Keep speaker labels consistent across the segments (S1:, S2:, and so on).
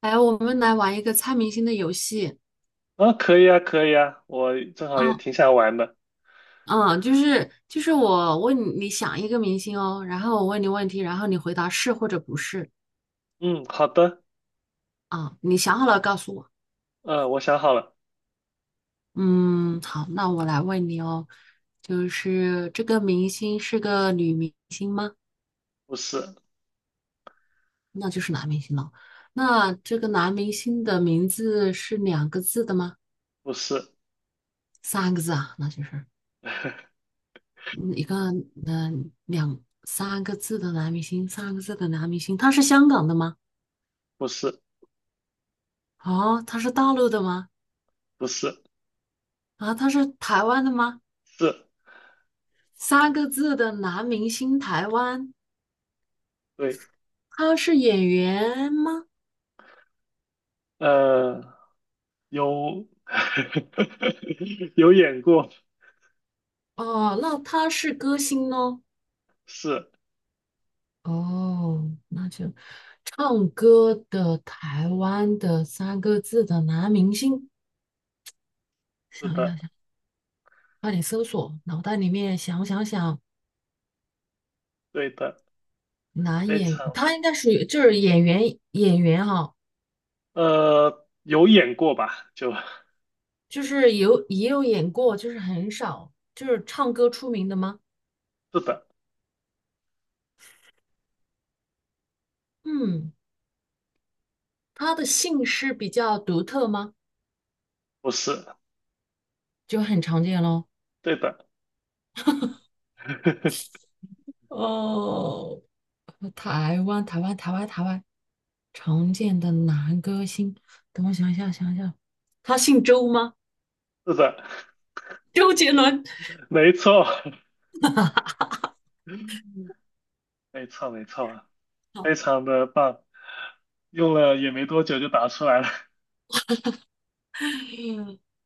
S1: 哎，我们来玩一个猜明星的游戏。
S2: 啊，可以啊，可以啊，我正好也
S1: 哦，
S2: 挺想玩的。
S1: 我问你，你想一个明星哦，然后我问你问题，然后你回答是或者不是
S2: 嗯，好的。
S1: 啊。你想好了告诉我。
S2: 嗯，我想好了。
S1: 嗯，好，那我来问你哦，就是这个明星是个女明星吗？
S2: 不是。
S1: 那就是男明星了。那这个男明星的名字是两个字的吗？
S2: 不是。
S1: 三个字啊，那就是 嗯一个嗯、两三个字的男明星，三个字的男明星，他是香港的吗？
S2: 不是。
S1: 哦，他是大陆的吗？
S2: 不是。
S1: 啊，他是台湾的吗？
S2: 是。
S1: 三个字的男明星，台湾，
S2: 对。
S1: 他是演员吗？
S2: 呃，有。有演过。
S1: 哦，那他是歌星哦。
S2: 是。
S1: 哦，那就唱歌的台湾的三个字的男明星，
S2: 是
S1: 想一
S2: 的。
S1: 想想，快点搜索，脑袋里面想想，
S2: 对的。
S1: 男
S2: 非
S1: 演，
S2: 常。
S1: 他应该属于就是演员哈、
S2: 有演过吧？就。
S1: 就是有也有演过，就是很少，就是唱歌出名的吗？
S2: 是的。
S1: 嗯。他的姓氏比较独特吗？
S2: 不是。
S1: 就很常见咯。
S2: 对的。
S1: 哦，台湾，台湾，台湾，台湾，常见的男歌星，等我想一下，想一下，他姓周吗？
S2: 是的。
S1: 周杰伦。
S2: 没错。没错，没错。
S1: 好，
S2: 非常的棒。用了也没多久就打出来了。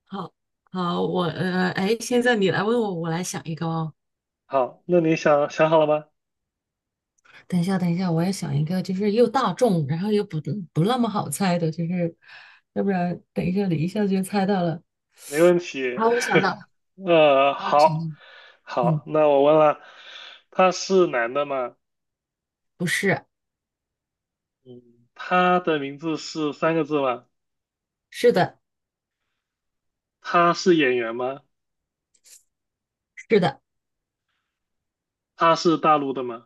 S1: 好，好，我哎，现在你来问我，我来想一个哦。
S2: 好，那你想想好了吗？
S1: 等一下，等一下，我要想一个，就是又大众，然后又不那么好猜的，就是要不然等一下你一下就猜到了。
S2: 没问题。
S1: 好，我想到 了，好，我想到
S2: 好，
S1: 了，
S2: 好，
S1: 嗯，
S2: 那我问了。他是男的吗？
S1: 不是，
S2: 嗯，他的名字是三个字吗？
S1: 是的。
S2: 他是演员吗？
S1: 是的，
S2: 他是大陆的吗？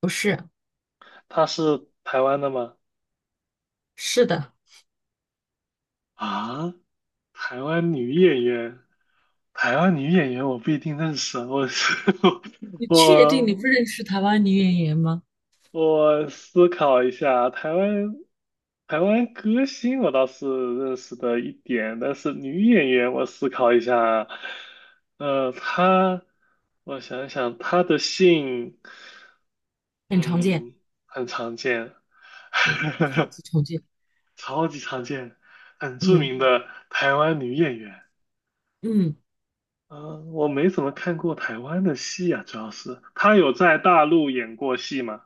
S1: 不是，
S2: 他是台湾的吗？
S1: 是的，
S2: 啊，台湾女演员。台湾女演员我不一定认识啊，
S1: 你确定你
S2: 我
S1: 不认识台湾女演员吗？
S2: 我思考一下。台湾歌星我倒是认识的一点，但是女演员我思考一下。她，我想想，她的姓，
S1: 很常见。
S2: 嗯，很常见。
S1: 对，超 级常见。
S2: 超级常见，很著
S1: 嗯
S2: 名的台湾女演员。
S1: 嗯，
S2: 嗯、我没怎么看过台湾的戏啊。主要是她有在大陆演过戏吗？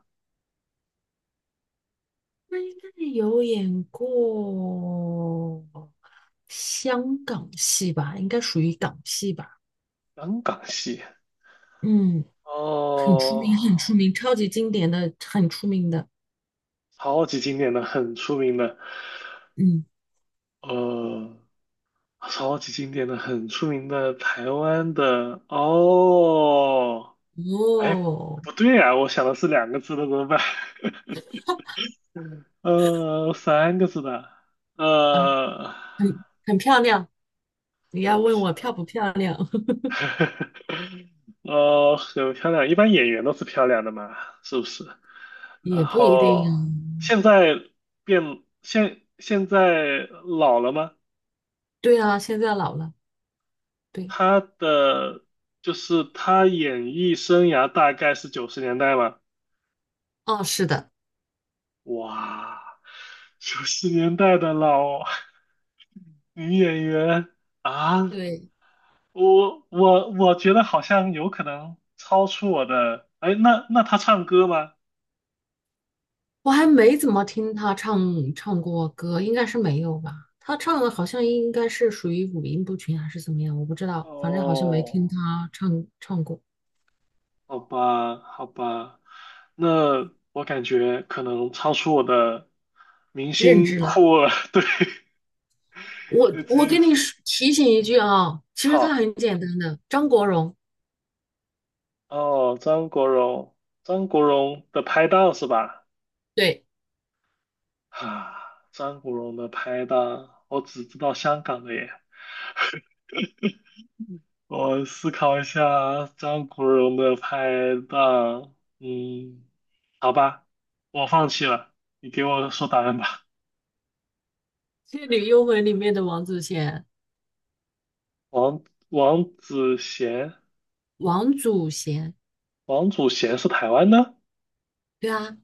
S1: 那应该有演过香港戏吧？应该属于港戏吧？
S2: 香港戏。
S1: 嗯，很出
S2: 哦，
S1: 名，很出名，超级经典的，很出名的。
S2: 超级经典的、很出名的。
S1: 嗯，
S2: 呃，超级经典的、很出名的台湾的哦。哎，
S1: 哦，
S2: 不对啊，我想的是两个字的，怎么办？三个字的。
S1: 啊，
S2: 呃，
S1: 很漂亮。你要
S2: 很漂
S1: 问我漂不漂亮？
S2: 亮。很漂亮，一般演员都是漂亮的嘛，是不是？然
S1: 也不一定啊。
S2: 后现在变现现在老了吗？
S1: 对啊，现在老了。对，
S2: 他的就是他演艺生涯大概是九十年代吧。
S1: 哦，是的，
S2: 哇，九十年代的老 女演员啊。
S1: 对。
S2: 我觉得好像有可能超出我的。哎，那他唱歌吗？
S1: 我还没怎么听他唱过歌，应该是没有吧？他唱的好像应该是属于五音不全还是怎么样，我不知道，反正好像没
S2: 哦，
S1: 听他唱过，
S2: 好吧，好吧。那我感觉可能超出我的明
S1: 认
S2: 星
S1: 知了。
S2: 库了。对，
S1: 我
S2: 直
S1: 我
S2: 接
S1: 给你说提醒一句啊，其实他
S2: 好。
S1: 很简单的，张国荣，
S2: 哦，张国荣，张国荣的拍档是吧？
S1: 对，
S2: 啊，张国荣的拍档，我只知道香港的耶。我思考一下，张国荣的拍档，嗯，好吧，我放弃了，你给我说答案吧。
S1: 《倩女幽魂》里面的王祖贤，
S2: 王王祖贤，
S1: 王祖贤，
S2: 王祖贤是台湾的？
S1: 对啊，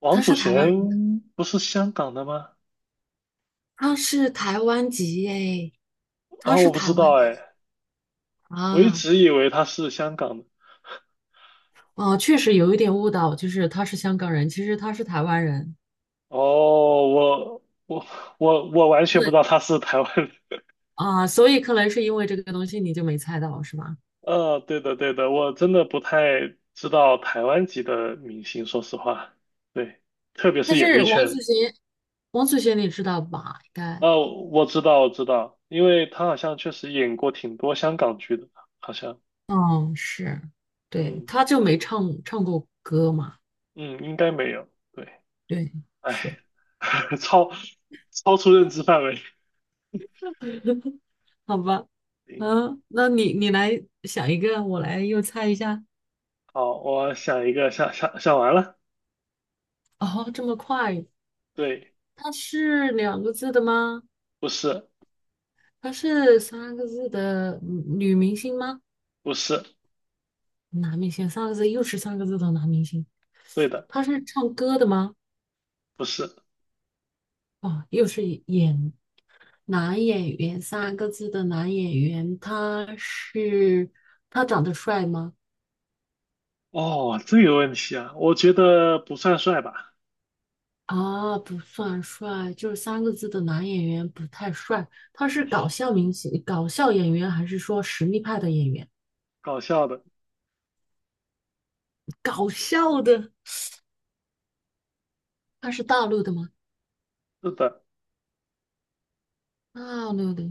S2: 王
S1: 他
S2: 祖
S1: 是台湾人，
S2: 贤不是香港的吗？
S1: 他是台湾籍诶，他
S2: 啊，
S1: 是
S2: 我不知
S1: 台湾
S2: 道
S1: 的
S2: 哎。我一
S1: 啊。
S2: 直以为他是香港的。
S1: 哦，确实有一点误导，就是他是香港人，其实他是台湾人。
S2: 哦，我我我完全不知
S1: 对
S2: 道他是台湾人。
S1: 啊，所以可能是因为这个东西你就没猜到是吧？
S2: 对的对的，我真的不太知道台湾籍的明星，说实话。对，特别是
S1: 但
S2: 演
S1: 是
S2: 艺
S1: 王祖
S2: 圈。
S1: 贤，王祖贤你知道吧？应该，
S2: 哦，我知道我知道，因为他好像确实演过挺多香港剧的，好像。
S1: 嗯，是，对，
S2: 嗯
S1: 他就没唱过歌嘛，
S2: 嗯，应该没有。对。
S1: 对，
S2: 哎。
S1: 是，
S2: 超超出认知范围。
S1: 好吧，
S2: 行。
S1: 嗯，那你来想一个，我来又猜一下。
S2: 好，我想一个，想想想完了。
S1: 哦，这么快？
S2: 对。
S1: 她是两个字的吗？
S2: 不是
S1: 她是三个字的嗯女明星吗？
S2: 不是。
S1: 男明星三个字，又是三个字的男明星。
S2: 对的。
S1: 他是唱歌的吗？
S2: 不是。
S1: 啊，又是演男演员三个字的男演员，他是他长得帅吗？
S2: 哦，这个问题啊，我觉得不算帅吧。
S1: 啊，不算帅，就是三个字的男演员不太帅。他是搞笑明星、搞笑演员，还是说实力派的演员？
S2: 搞笑的。
S1: 搞笑的，他是大陆的吗？
S2: 是的。
S1: 大陆的。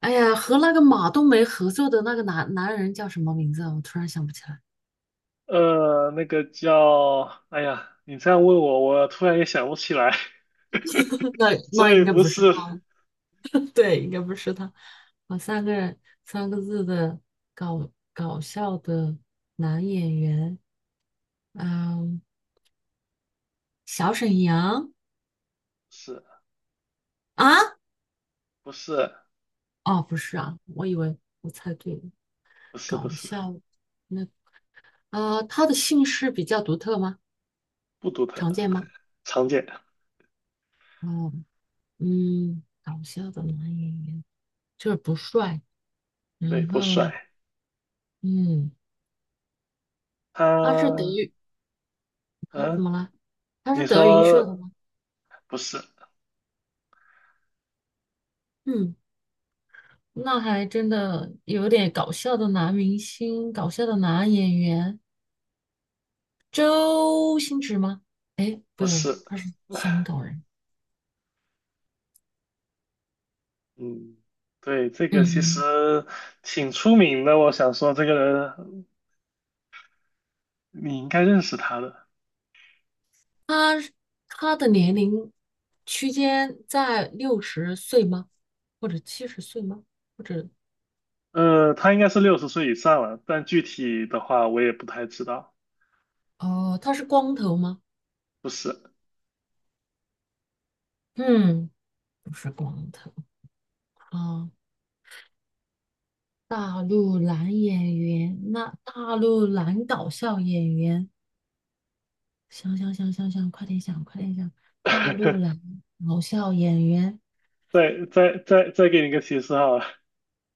S1: 哎呀，和那个马冬梅合作的那个男人叫什么名字啊？我突然想不起来。
S2: 那个叫，哎呀，你这样问我，我突然也想不起来。
S1: 那 那
S2: 所以
S1: 应该
S2: 不
S1: 不是他，
S2: 是。
S1: 对，应该不是他。我三个人三个字的搞笑的男演员，嗯，小沈阳
S2: 是
S1: 啊？
S2: 不是
S1: 哦，不是啊，我以为我猜对了，
S2: 不是不
S1: 搞
S2: 是
S1: 笑那啊、他的姓氏比较独特吗？
S2: 不独特。
S1: 常见吗？
S2: 常见。
S1: 哦，嗯，搞笑的男演员就是不帅，
S2: 对，
S1: 然
S2: 不
S1: 后
S2: 帅。
S1: 嗯，他是德
S2: 他，
S1: 云，他怎
S2: 嗯，
S1: 么了？他是
S2: 你
S1: 德云社的
S2: 说
S1: 吗？
S2: 不是
S1: 嗯。那还真的有点搞笑的男明星，搞笑的男演员，周星驰吗？不
S2: 不
S1: 有，
S2: 是。
S1: 他是香港人。
S2: 嗯，对。这个其
S1: 嗯，
S2: 实挺出名的，我想说这个人你应该认识他的。
S1: 他他的年龄区间在六十岁吗？或者七十岁吗？或者
S2: 他应该是60岁以上了，但具体的话我也不太知道。
S1: 哦，他是光头吗？
S2: 不是。
S1: 嗯，不是光头啊。大陆男演员，那大陆男搞笑演员。想想想想想，快点想，快点想。大陆来搞笑演员，
S2: 再给你一个提示哈。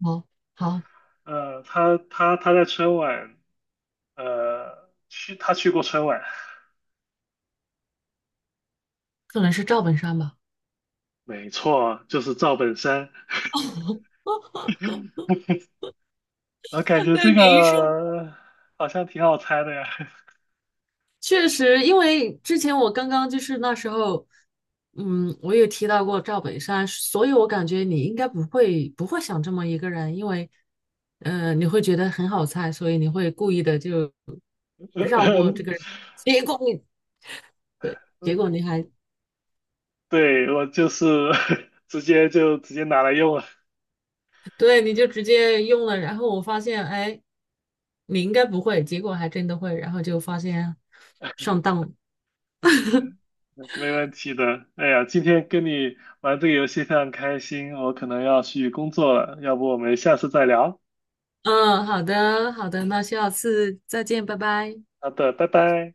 S1: 好好，
S2: 他在春晚。他去过春晚。
S1: 可能是赵本山吧
S2: 没错，就是赵本山。我感 觉
S1: 对，
S2: 这
S1: 你一说，
S2: 个好像挺好猜的呀。
S1: 确实，因为之前我刚刚就是那时候，嗯，我也提到过赵本山，所以我感觉你应该不会想这么一个人，因为，呃，你会觉得很好猜，所以你会故意的就
S2: 呃
S1: 绕过
S2: 呃
S1: 这个人，结果你对，结
S2: 嗯，
S1: 果你还
S2: 对，我就是 直接就直接拿来用了。
S1: 对，你就直接用了，然后我发现，哎，你应该不会，结果还真的会，然后就发现上当了。
S2: 没问题的。哎呀，今天跟你玩这个游戏非常开心，我可能要去工作了，要不我们下次再聊？
S1: 嗯，好的，好的，那下次再见，拜拜。
S2: 好的，拜拜。